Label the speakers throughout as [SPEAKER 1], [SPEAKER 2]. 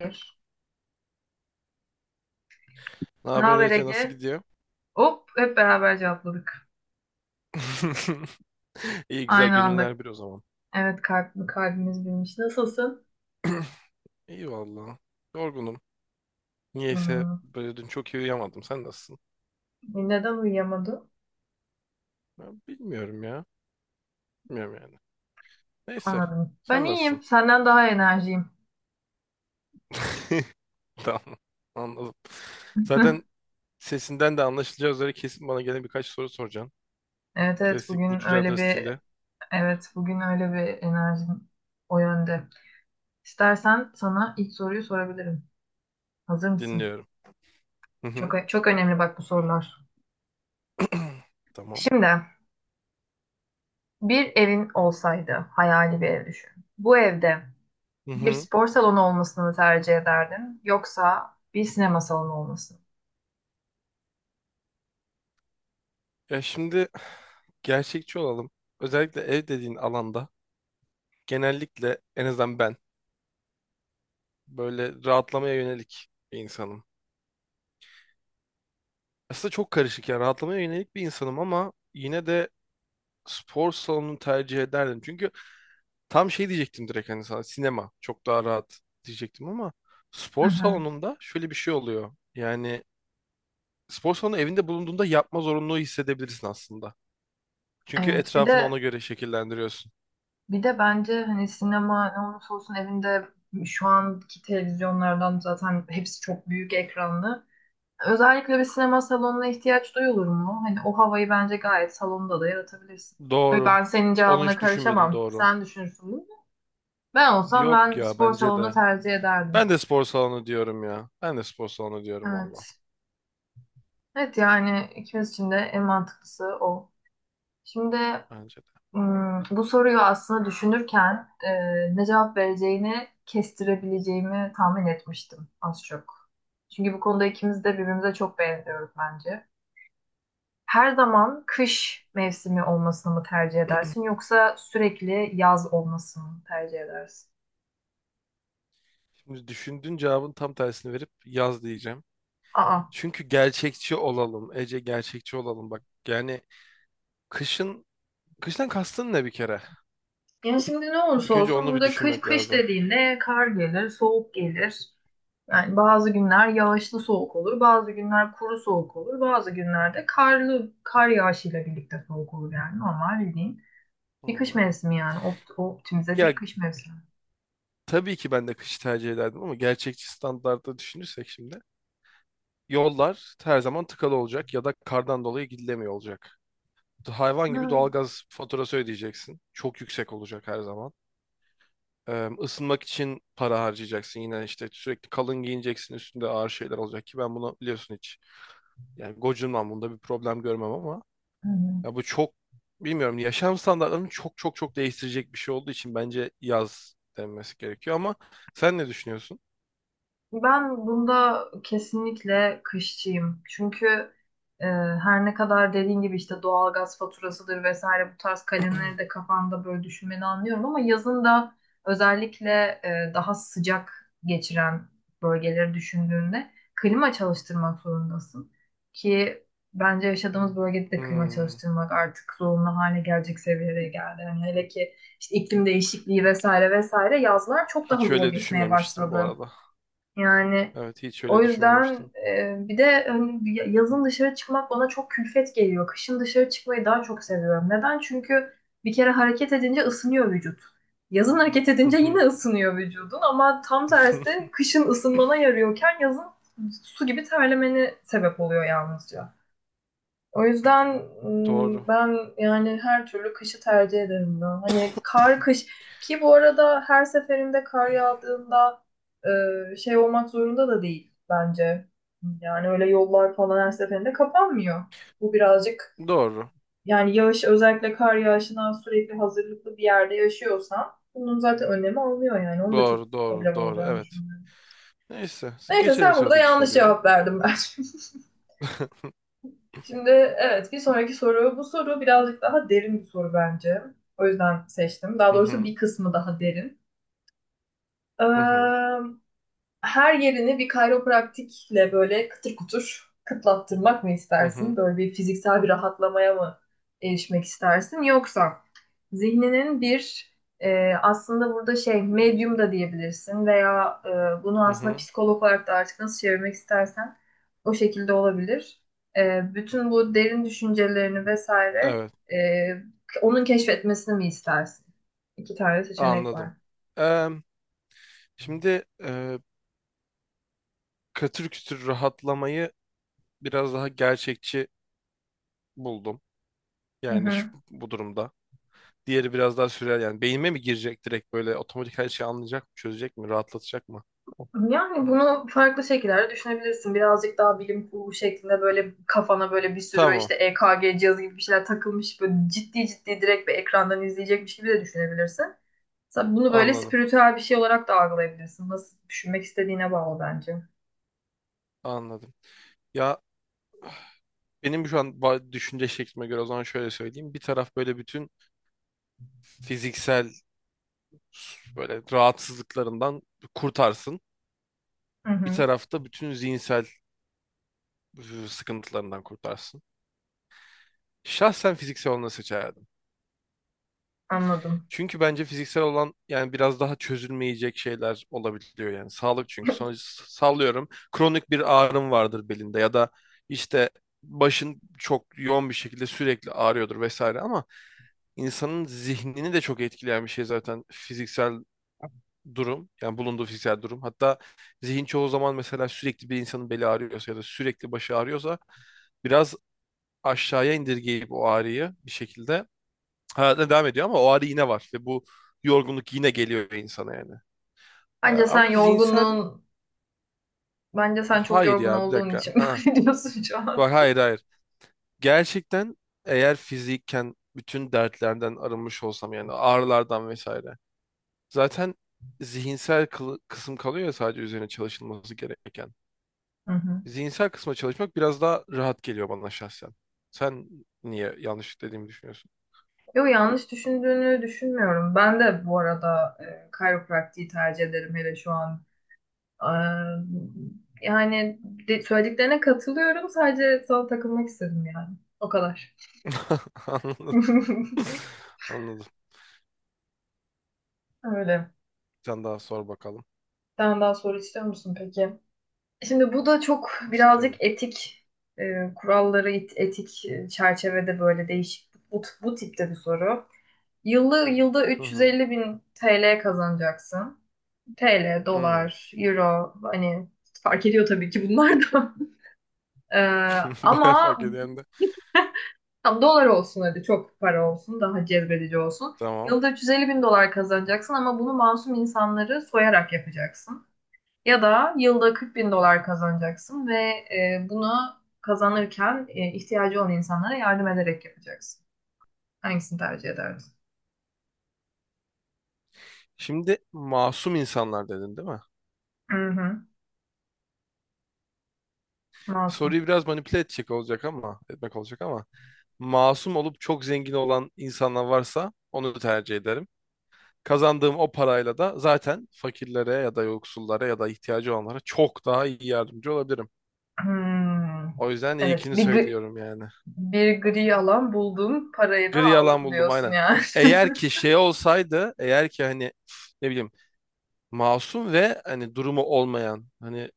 [SPEAKER 1] Bir.
[SPEAKER 2] Ne
[SPEAKER 1] Ne
[SPEAKER 2] haber
[SPEAKER 1] haber
[SPEAKER 2] Ece, nasıl
[SPEAKER 1] Ege?
[SPEAKER 2] gidiyor?
[SPEAKER 1] Hop hep beraber cevapladık.
[SPEAKER 2] İyi, güzel
[SPEAKER 1] Aynı anda.
[SPEAKER 2] gönüller bir o zaman.
[SPEAKER 1] Evet, kalbimiz bilmiş. Nasılsın?
[SPEAKER 2] İyi valla. Yorgunum. Niyeyse
[SPEAKER 1] Hmm.
[SPEAKER 2] böyle dün çok iyi uyuyamadım. Sen nasılsın?
[SPEAKER 1] Neden uyuyamadın?
[SPEAKER 2] Ben bilmiyorum ya. Bilmiyorum yani. Neyse.
[SPEAKER 1] Anladım. Ben
[SPEAKER 2] Sen nasılsın?
[SPEAKER 1] iyiyim. Senden daha enerjiyim.
[SPEAKER 2] Tamam. Anladım. Zaten sesinden de anlaşılacağı üzere kesin bana gene birkaç soru soracaksın.
[SPEAKER 1] Evet, evet.
[SPEAKER 2] Klasik Would You Rather stili
[SPEAKER 1] Bugün öyle bir enerjim o yönde. İstersen sana ilk soruyu sorabilirim. Hazır mısın?
[SPEAKER 2] dinliyorum. Hı hı.
[SPEAKER 1] Çok çok önemli bak bu sorular.
[SPEAKER 2] Tamam.
[SPEAKER 1] Şimdi, bir evin olsaydı, hayali bir ev düşün. Bu evde
[SPEAKER 2] Hı
[SPEAKER 1] bir
[SPEAKER 2] hı.
[SPEAKER 1] spor salonu olmasını mı tercih ederdin, yoksa bir sinema salonu olmasını?
[SPEAKER 2] Ya şimdi gerçekçi olalım. Özellikle ev dediğin alanda genellikle en azından ben böyle rahatlamaya yönelik bir insanım. Aslında çok karışık ya, rahatlamaya yönelik bir insanım ama yine de spor salonunu tercih ederdim. Çünkü tam şey diyecektim, direkt hani sana sinema çok daha rahat diyecektim ama
[SPEAKER 1] Hı
[SPEAKER 2] spor
[SPEAKER 1] hı.
[SPEAKER 2] salonunda şöyle bir şey oluyor. Yani spor salonu evinde bulunduğunda yapma zorunluluğu hissedebilirsin aslında. Çünkü
[SPEAKER 1] Evet, bir
[SPEAKER 2] etrafını ona
[SPEAKER 1] de
[SPEAKER 2] göre şekillendiriyorsun.
[SPEAKER 1] bir de bence hani sinema ne olursa olsun evinde şu anki televizyonlardan zaten hepsi çok büyük ekranlı. Özellikle bir sinema salonuna ihtiyaç duyulur mu? Hani o havayı bence gayet salonda da yaratabilirsin. Tabii,
[SPEAKER 2] Doğru.
[SPEAKER 1] ben senin
[SPEAKER 2] Onu
[SPEAKER 1] cevabına
[SPEAKER 2] hiç düşünmedim,
[SPEAKER 1] karışamam.
[SPEAKER 2] doğru.
[SPEAKER 1] Sen düşünürsün bunu. Ben olsam,
[SPEAKER 2] Yok
[SPEAKER 1] ben
[SPEAKER 2] ya,
[SPEAKER 1] spor
[SPEAKER 2] bence
[SPEAKER 1] salonunu
[SPEAKER 2] de.
[SPEAKER 1] tercih ederdim.
[SPEAKER 2] Ben de spor salonu diyorum ya. Ben de spor salonu diyorum valla.
[SPEAKER 1] Evet. Evet, yani ikimiz için de en mantıklısı o. Şimdi,
[SPEAKER 2] Bence de.
[SPEAKER 1] Bu soruyu aslında düşünürken, ne cevap vereceğini kestirebileceğimi tahmin etmiştim az çok. Çünkü bu konuda ikimiz de birbirimize çok benziyoruz bence. Her zaman kış mevsimi olmasını mı tercih edersin, yoksa sürekli yaz olmasını mı tercih edersin?
[SPEAKER 2] Şimdi düşündüğün cevabın tam tersini verip yaz diyeceğim.
[SPEAKER 1] Aa.
[SPEAKER 2] Çünkü gerçekçi olalım. Ece, gerçekçi olalım. Bak yani kışın, kıştan kastın ne bir kere?
[SPEAKER 1] Yani şimdi ne olursa
[SPEAKER 2] İlk önce
[SPEAKER 1] olsun
[SPEAKER 2] onu bir
[SPEAKER 1] burada kış
[SPEAKER 2] düşünmek
[SPEAKER 1] kış
[SPEAKER 2] lazım.
[SPEAKER 1] dediğinde kar gelir, soğuk gelir. Yani bazı günler yağışlı soğuk olur, bazı günler kuru soğuk olur, bazı günlerde karlı kar yağışıyla birlikte soğuk olur. Yani normal bildiğin bir kış
[SPEAKER 2] Hmm.
[SPEAKER 1] mevsimi, yani optimize
[SPEAKER 2] Ya
[SPEAKER 1] bir kış mevsimi.
[SPEAKER 2] tabii ki ben de kışı tercih ederdim ama gerçekçi standartta düşünürsek, şimdi yollar her zaman tıkalı olacak ya da kardan dolayı gidilemiyor olacak. Hayvan
[SPEAKER 1] Ha.
[SPEAKER 2] gibi doğalgaz faturası ödeyeceksin. Çok yüksek olacak her zaman. Isınmak için para harcayacaksın. Yine işte sürekli kalın giyineceksin. Üstünde ağır şeyler olacak ki ben bunu biliyorsun hiç. Yani gocunmam, bunda bir problem görmem ama
[SPEAKER 1] Hı hı.
[SPEAKER 2] ya bu çok, bilmiyorum, yaşam standartlarını çok çok çok değiştirecek bir şey olduğu için bence yaz denmesi gerekiyor ama sen ne düşünüyorsun?
[SPEAKER 1] Ben bunda kesinlikle kışçıyım. Çünkü her ne kadar dediğin gibi işte doğalgaz faturasıdır vesaire bu tarz kalemleri de kafanda böyle düşünmeni anlıyorum, ama yazın da özellikle, daha sıcak geçiren bölgeleri düşündüğünde klima çalıştırmak zorundasın. Ki bence yaşadığımız bölgede de klima
[SPEAKER 2] Hmm,
[SPEAKER 1] çalıştırmak artık zorunlu hale gelecek seviyeye geldi. Yani hele ki işte iklim değişikliği vesaire vesaire yazlar çok daha
[SPEAKER 2] hiç
[SPEAKER 1] zor
[SPEAKER 2] öyle
[SPEAKER 1] geçmeye
[SPEAKER 2] düşünmemiştim bu
[SPEAKER 1] başladı.
[SPEAKER 2] arada.
[SPEAKER 1] Yani
[SPEAKER 2] Evet, hiç
[SPEAKER 1] o
[SPEAKER 2] öyle
[SPEAKER 1] yüzden,
[SPEAKER 2] düşünmemiştim.
[SPEAKER 1] bir de hani yazın dışarı çıkmak bana çok külfet geliyor. Kışın dışarı çıkmayı daha çok seviyorum. Neden? Çünkü bir kere hareket edince ısınıyor vücut. Yazın hareket edince yine ısınıyor vücudun, ama tam tersi kışın ısınmana yarıyorken yazın su gibi terlemeni sebep oluyor yalnızca. O yüzden
[SPEAKER 2] Doğru.
[SPEAKER 1] ben yani her türlü kışı tercih ederim ya. Hani kar kış, ki bu arada her seferinde kar yağdığında şey olmak zorunda da değil bence. Yani öyle yollar falan her seferinde kapanmıyor. Bu birazcık,
[SPEAKER 2] Doğru.
[SPEAKER 1] yani yağış, özellikle kar yağışına sürekli hazırlıklı bir yerde yaşıyorsan bunun zaten önlemi alınıyor yani. Onun da çok
[SPEAKER 2] Doğru, doğru,
[SPEAKER 1] problem
[SPEAKER 2] doğru.
[SPEAKER 1] olacağını
[SPEAKER 2] Evet.
[SPEAKER 1] düşünüyorum.
[SPEAKER 2] Neyse. Siz
[SPEAKER 1] Neyse,
[SPEAKER 2] geçelim
[SPEAKER 1] sen burada
[SPEAKER 2] sıradaki
[SPEAKER 1] yanlış
[SPEAKER 2] soruya.
[SPEAKER 1] cevap verdin ben. Şimdi, evet, bir sonraki soru. Bu soru birazcık daha derin bir soru bence. O yüzden seçtim. Daha
[SPEAKER 2] Hı
[SPEAKER 1] doğrusu bir
[SPEAKER 2] hı.
[SPEAKER 1] kısmı daha derin. Ee,
[SPEAKER 2] Hı hı.
[SPEAKER 1] her yerini bir kayropraktikle böyle kıtır kutur kıtlattırmak mı
[SPEAKER 2] Hı
[SPEAKER 1] istersin?
[SPEAKER 2] hı.
[SPEAKER 1] Böyle bir fiziksel bir rahatlamaya mı erişmek istersin? Yoksa zihninin bir, aslında burada şey medyum da diyebilirsin veya bunu
[SPEAKER 2] Hı
[SPEAKER 1] aslında
[SPEAKER 2] hı.
[SPEAKER 1] psikolog olarak da artık nasıl çevirmek istersen o şekilde olabilir. Bütün bu derin düşüncelerini vesaire,
[SPEAKER 2] Evet.
[SPEAKER 1] e, onun keşfetmesini mi istersin? İki tane seçenek var.
[SPEAKER 2] Anladım. Eee, Şimdi katır kütür rahatlamayı biraz daha gerçekçi buldum.
[SPEAKER 1] Hı
[SPEAKER 2] Yani
[SPEAKER 1] hı.
[SPEAKER 2] şu, bu durumda. Diğeri biraz daha sürel, yani beynime mi girecek direkt böyle otomatik, her şeyi anlayacak mı, çözecek mi, rahatlatacak mı?
[SPEAKER 1] Yani bunu farklı şekillerde düşünebilirsin. Birazcık daha bilim kurgu şeklinde böyle kafana böyle bir sürü
[SPEAKER 2] Tamam.
[SPEAKER 1] işte EKG cihazı gibi bir şeyler takılmış, böyle ciddi ciddi direkt bir ekrandan izleyecekmiş gibi de düşünebilirsin. Sen bunu böyle
[SPEAKER 2] Anladım.
[SPEAKER 1] spiritüel bir şey olarak da algılayabilirsin. Nasıl düşünmek istediğine bağlı bence.
[SPEAKER 2] Anladım. Ya benim şu an düşünce şeklime göre o zaman şöyle söyleyeyim. Bir taraf böyle bütün fiziksel böyle rahatsızlıklarından kurtarsın.
[SPEAKER 1] Hı
[SPEAKER 2] Bir
[SPEAKER 1] hı,
[SPEAKER 2] tarafta bütün zihinsel e, sıkıntılarından kurtarsın. Şahsen fiziksel olanı seçerdim.
[SPEAKER 1] anladım.
[SPEAKER 2] Çünkü bence fiziksel olan yani biraz daha çözülmeyecek şeyler olabiliyor yani. Sağlık çünkü, sonuç sallıyorum. Kronik bir ağrım vardır belinde ya da işte başın çok yoğun bir şekilde sürekli ağrıyordur vesaire ama insanın zihnini de çok etkileyen bir şey zaten fiziksel durum, yani bulunduğu fiziksel durum. Hatta zihin çoğu zaman, mesela sürekli bir insanın beli ağrıyorsa ya da sürekli başı ağrıyorsa biraz aşağıya indirgeyip o ağrıyı bir şekilde hayatına devam ediyor ama o ağrı yine var ve bu yorgunluk yine geliyor insana yani.
[SPEAKER 1] Bence sen
[SPEAKER 2] Ama zihinsel,
[SPEAKER 1] yorgunluğun, bence sen çok
[SPEAKER 2] hayır
[SPEAKER 1] yorgun
[SPEAKER 2] ya, bir
[SPEAKER 1] olduğun
[SPEAKER 2] dakika.
[SPEAKER 1] için
[SPEAKER 2] Aa,
[SPEAKER 1] böyle diyorsun şu an.
[SPEAKER 2] bak, hayır hayır. Gerçekten, eğer fizikken bütün dertlerden arınmış olsam yani, ağrılardan vesaire. Zaten zihinsel kısım kalıyor ya, sadece üzerine çalışılması gereken.
[SPEAKER 1] Hı hı.
[SPEAKER 2] Zihinsel kısma çalışmak biraz daha rahat geliyor bana şahsen. Sen niye yanlış dediğimi düşünüyorsun?
[SPEAKER 1] Yo, yanlış düşündüğünü düşünmüyorum. Ben de bu arada, chiropractic'i tercih ederim hele şu an. Eee, yani söylediklerine katılıyorum. Sadece sana takılmak istedim yani. O kadar.
[SPEAKER 2] Anladım. Anladım.
[SPEAKER 1] Öyle.
[SPEAKER 2] Sen daha sor bakalım.
[SPEAKER 1] Sen daha soru istiyor musun peki? Şimdi bu da çok birazcık
[SPEAKER 2] İstiyorum.
[SPEAKER 1] etik, e, kuralları, etik çerçevede böyle değişik bu tipte bir soru. Yılda
[SPEAKER 2] Hı
[SPEAKER 1] 350
[SPEAKER 2] hı.
[SPEAKER 1] bin TL kazanacaksın. TL,
[SPEAKER 2] Hı.
[SPEAKER 1] dolar, euro hani fark ediyor tabii ki bunlar da. Ee,
[SPEAKER 2] Bayağı
[SPEAKER 1] ama
[SPEAKER 2] fark ediyorum de.
[SPEAKER 1] tam dolar olsun, hadi çok para olsun, daha cezbedici olsun.
[SPEAKER 2] Tamam.
[SPEAKER 1] Yılda 350 bin dolar kazanacaksın, ama bunu masum insanları soyarak yapacaksın. Ya da yılda 40 bin dolar kazanacaksın ve bunu kazanırken ihtiyacı olan insanlara yardım ederek yapacaksın. Hangisini tercih ederdin?
[SPEAKER 2] Şimdi masum insanlar dedin değil mi?
[SPEAKER 1] Hı hı, masum.
[SPEAKER 2] Soruyu biraz manipüle edecek olacak ama, etmek olacak ama, masum olup çok zengin olan insanlar varsa onu tercih ederim. Kazandığım o parayla da zaten fakirlere ya da yoksullara ya da ihtiyacı olanlara çok daha iyi yardımcı olabilirim.
[SPEAKER 1] Hmm.
[SPEAKER 2] O yüzden
[SPEAKER 1] Evet,
[SPEAKER 2] ilkini
[SPEAKER 1] bir, gri-
[SPEAKER 2] söylüyorum yani.
[SPEAKER 1] bir gri alan buldum, parayı da
[SPEAKER 2] Gri alan
[SPEAKER 1] aldım
[SPEAKER 2] buldum,
[SPEAKER 1] diyorsun
[SPEAKER 2] aynen.
[SPEAKER 1] yani.
[SPEAKER 2] Eğer ki şey olsaydı, eğer ki hani, ne bileyim, masum ve hani durumu olmayan, hani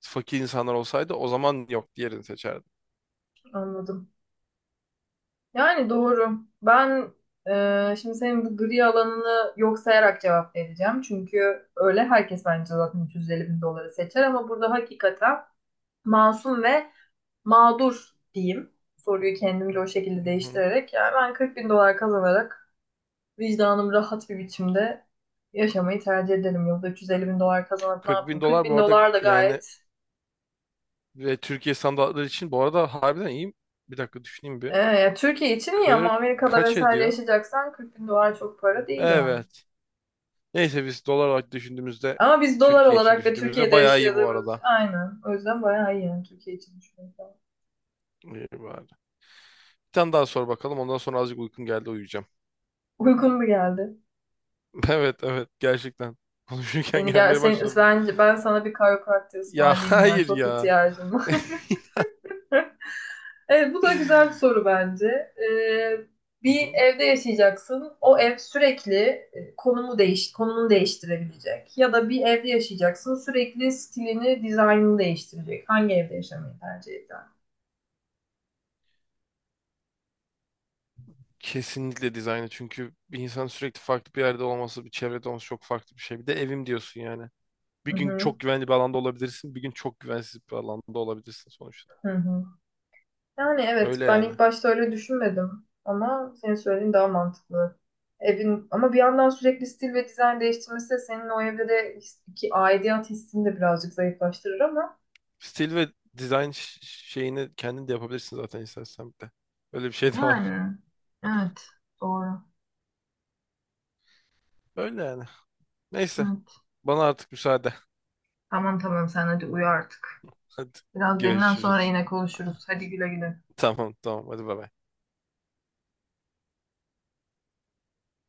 [SPEAKER 2] fakir insanlar olsaydı, o zaman yok, diğerini seçerdim.
[SPEAKER 1] Anladım. Yani doğru. Ben, şimdi senin bu gri alanını yok sayarak cevap vereceğim. Çünkü öyle herkes bence zaten 350 bin doları seçer, ama burada hakikaten masum ve mağdur diyeyim. Soruyu kendimce o şekilde
[SPEAKER 2] Hı hı.
[SPEAKER 1] değiştirerek yani ben 40 bin dolar kazanarak vicdanım rahat bir biçimde yaşamayı tercih ederim. Yılda 350 bin dolar kazanıp ne
[SPEAKER 2] 40 bin
[SPEAKER 1] yapayım? 40
[SPEAKER 2] dolar bu
[SPEAKER 1] bin
[SPEAKER 2] arada
[SPEAKER 1] dolar da
[SPEAKER 2] yani,
[SPEAKER 1] gayet,
[SPEAKER 2] ve Türkiye standartları için bu arada harbiden iyi. Bir dakika düşüneyim bir.
[SPEAKER 1] ya Türkiye için iyi ama
[SPEAKER 2] 40
[SPEAKER 1] Amerika'da
[SPEAKER 2] kaç
[SPEAKER 1] vesaire
[SPEAKER 2] ediyor?
[SPEAKER 1] yaşayacaksan 40 bin dolar çok para değil yani.
[SPEAKER 2] Evet. Neyse, biz dolar olarak düşündüğümüzde,
[SPEAKER 1] Ama biz dolar
[SPEAKER 2] Türkiye için
[SPEAKER 1] olarak ve
[SPEAKER 2] düşündüğümüzde
[SPEAKER 1] Türkiye'de
[SPEAKER 2] bayağı iyi bu
[SPEAKER 1] yaşadığımız
[SPEAKER 2] arada.
[SPEAKER 1] aynen. O yüzden bayağı iyi yani Türkiye için düşünüyorum.
[SPEAKER 2] İyi bari. Bir tane daha sor bakalım. Ondan sonra azıcık uykun geldi, uyuyacağım.
[SPEAKER 1] Uygun mu geldi?
[SPEAKER 2] Evet evet, gerçekten. Konuşurken
[SPEAKER 1] Seni gel
[SPEAKER 2] gelmeye
[SPEAKER 1] sen,
[SPEAKER 2] başladı.
[SPEAKER 1] bence ben sana bir chiropractor
[SPEAKER 2] Ya
[SPEAKER 1] ısmarlayayım ya.
[SPEAKER 2] hayır
[SPEAKER 1] Çok
[SPEAKER 2] ya.
[SPEAKER 1] ihtiyacım var. Evet, bu da güzel bir soru bence. Ee,
[SPEAKER 2] Hı
[SPEAKER 1] bir
[SPEAKER 2] hı.
[SPEAKER 1] evde yaşayacaksın. O ev sürekli konumunu değiştirebilecek. Ya da bir evde yaşayacaksın. Sürekli stilini, dizaynını değiştirecek. Hangi evde yaşamayı tercih eder?
[SPEAKER 2] Kesinlikle dizaynı. Çünkü bir insan sürekli farklı bir yerde olması, bir çevrede olması çok farklı bir şey. Bir de evim diyorsun yani.
[SPEAKER 1] Hı
[SPEAKER 2] Bir gün
[SPEAKER 1] hı.
[SPEAKER 2] çok güvenli bir alanda olabilirsin, bir gün çok güvensiz bir alanda olabilirsin sonuçta.
[SPEAKER 1] Hı hı. Yani evet,
[SPEAKER 2] Öyle
[SPEAKER 1] ben
[SPEAKER 2] yani.
[SPEAKER 1] ilk başta öyle düşünmedim ama senin söylediğin daha mantıklı. Evin ama bir yandan sürekli stil ve dizayn değiştirmesi de senin o evde de ki aidiyet hissini de birazcık zayıflaştırır ama.
[SPEAKER 2] Stil ve dizayn şeyini kendin de yapabilirsin zaten istersen bir de. Öyle bir şey de var.
[SPEAKER 1] Yani evet, doğru.
[SPEAKER 2] Öyle yani. Neyse.
[SPEAKER 1] Evet.
[SPEAKER 2] Bana artık müsaade.
[SPEAKER 1] Tamam, tamam, sen hadi uyu artık.
[SPEAKER 2] Hadi
[SPEAKER 1] Biraz dinlen, sonra
[SPEAKER 2] görüşürüz.
[SPEAKER 1] yine konuşuruz. Hadi güle güle.
[SPEAKER 2] Tamam tamam, hadi bay bay.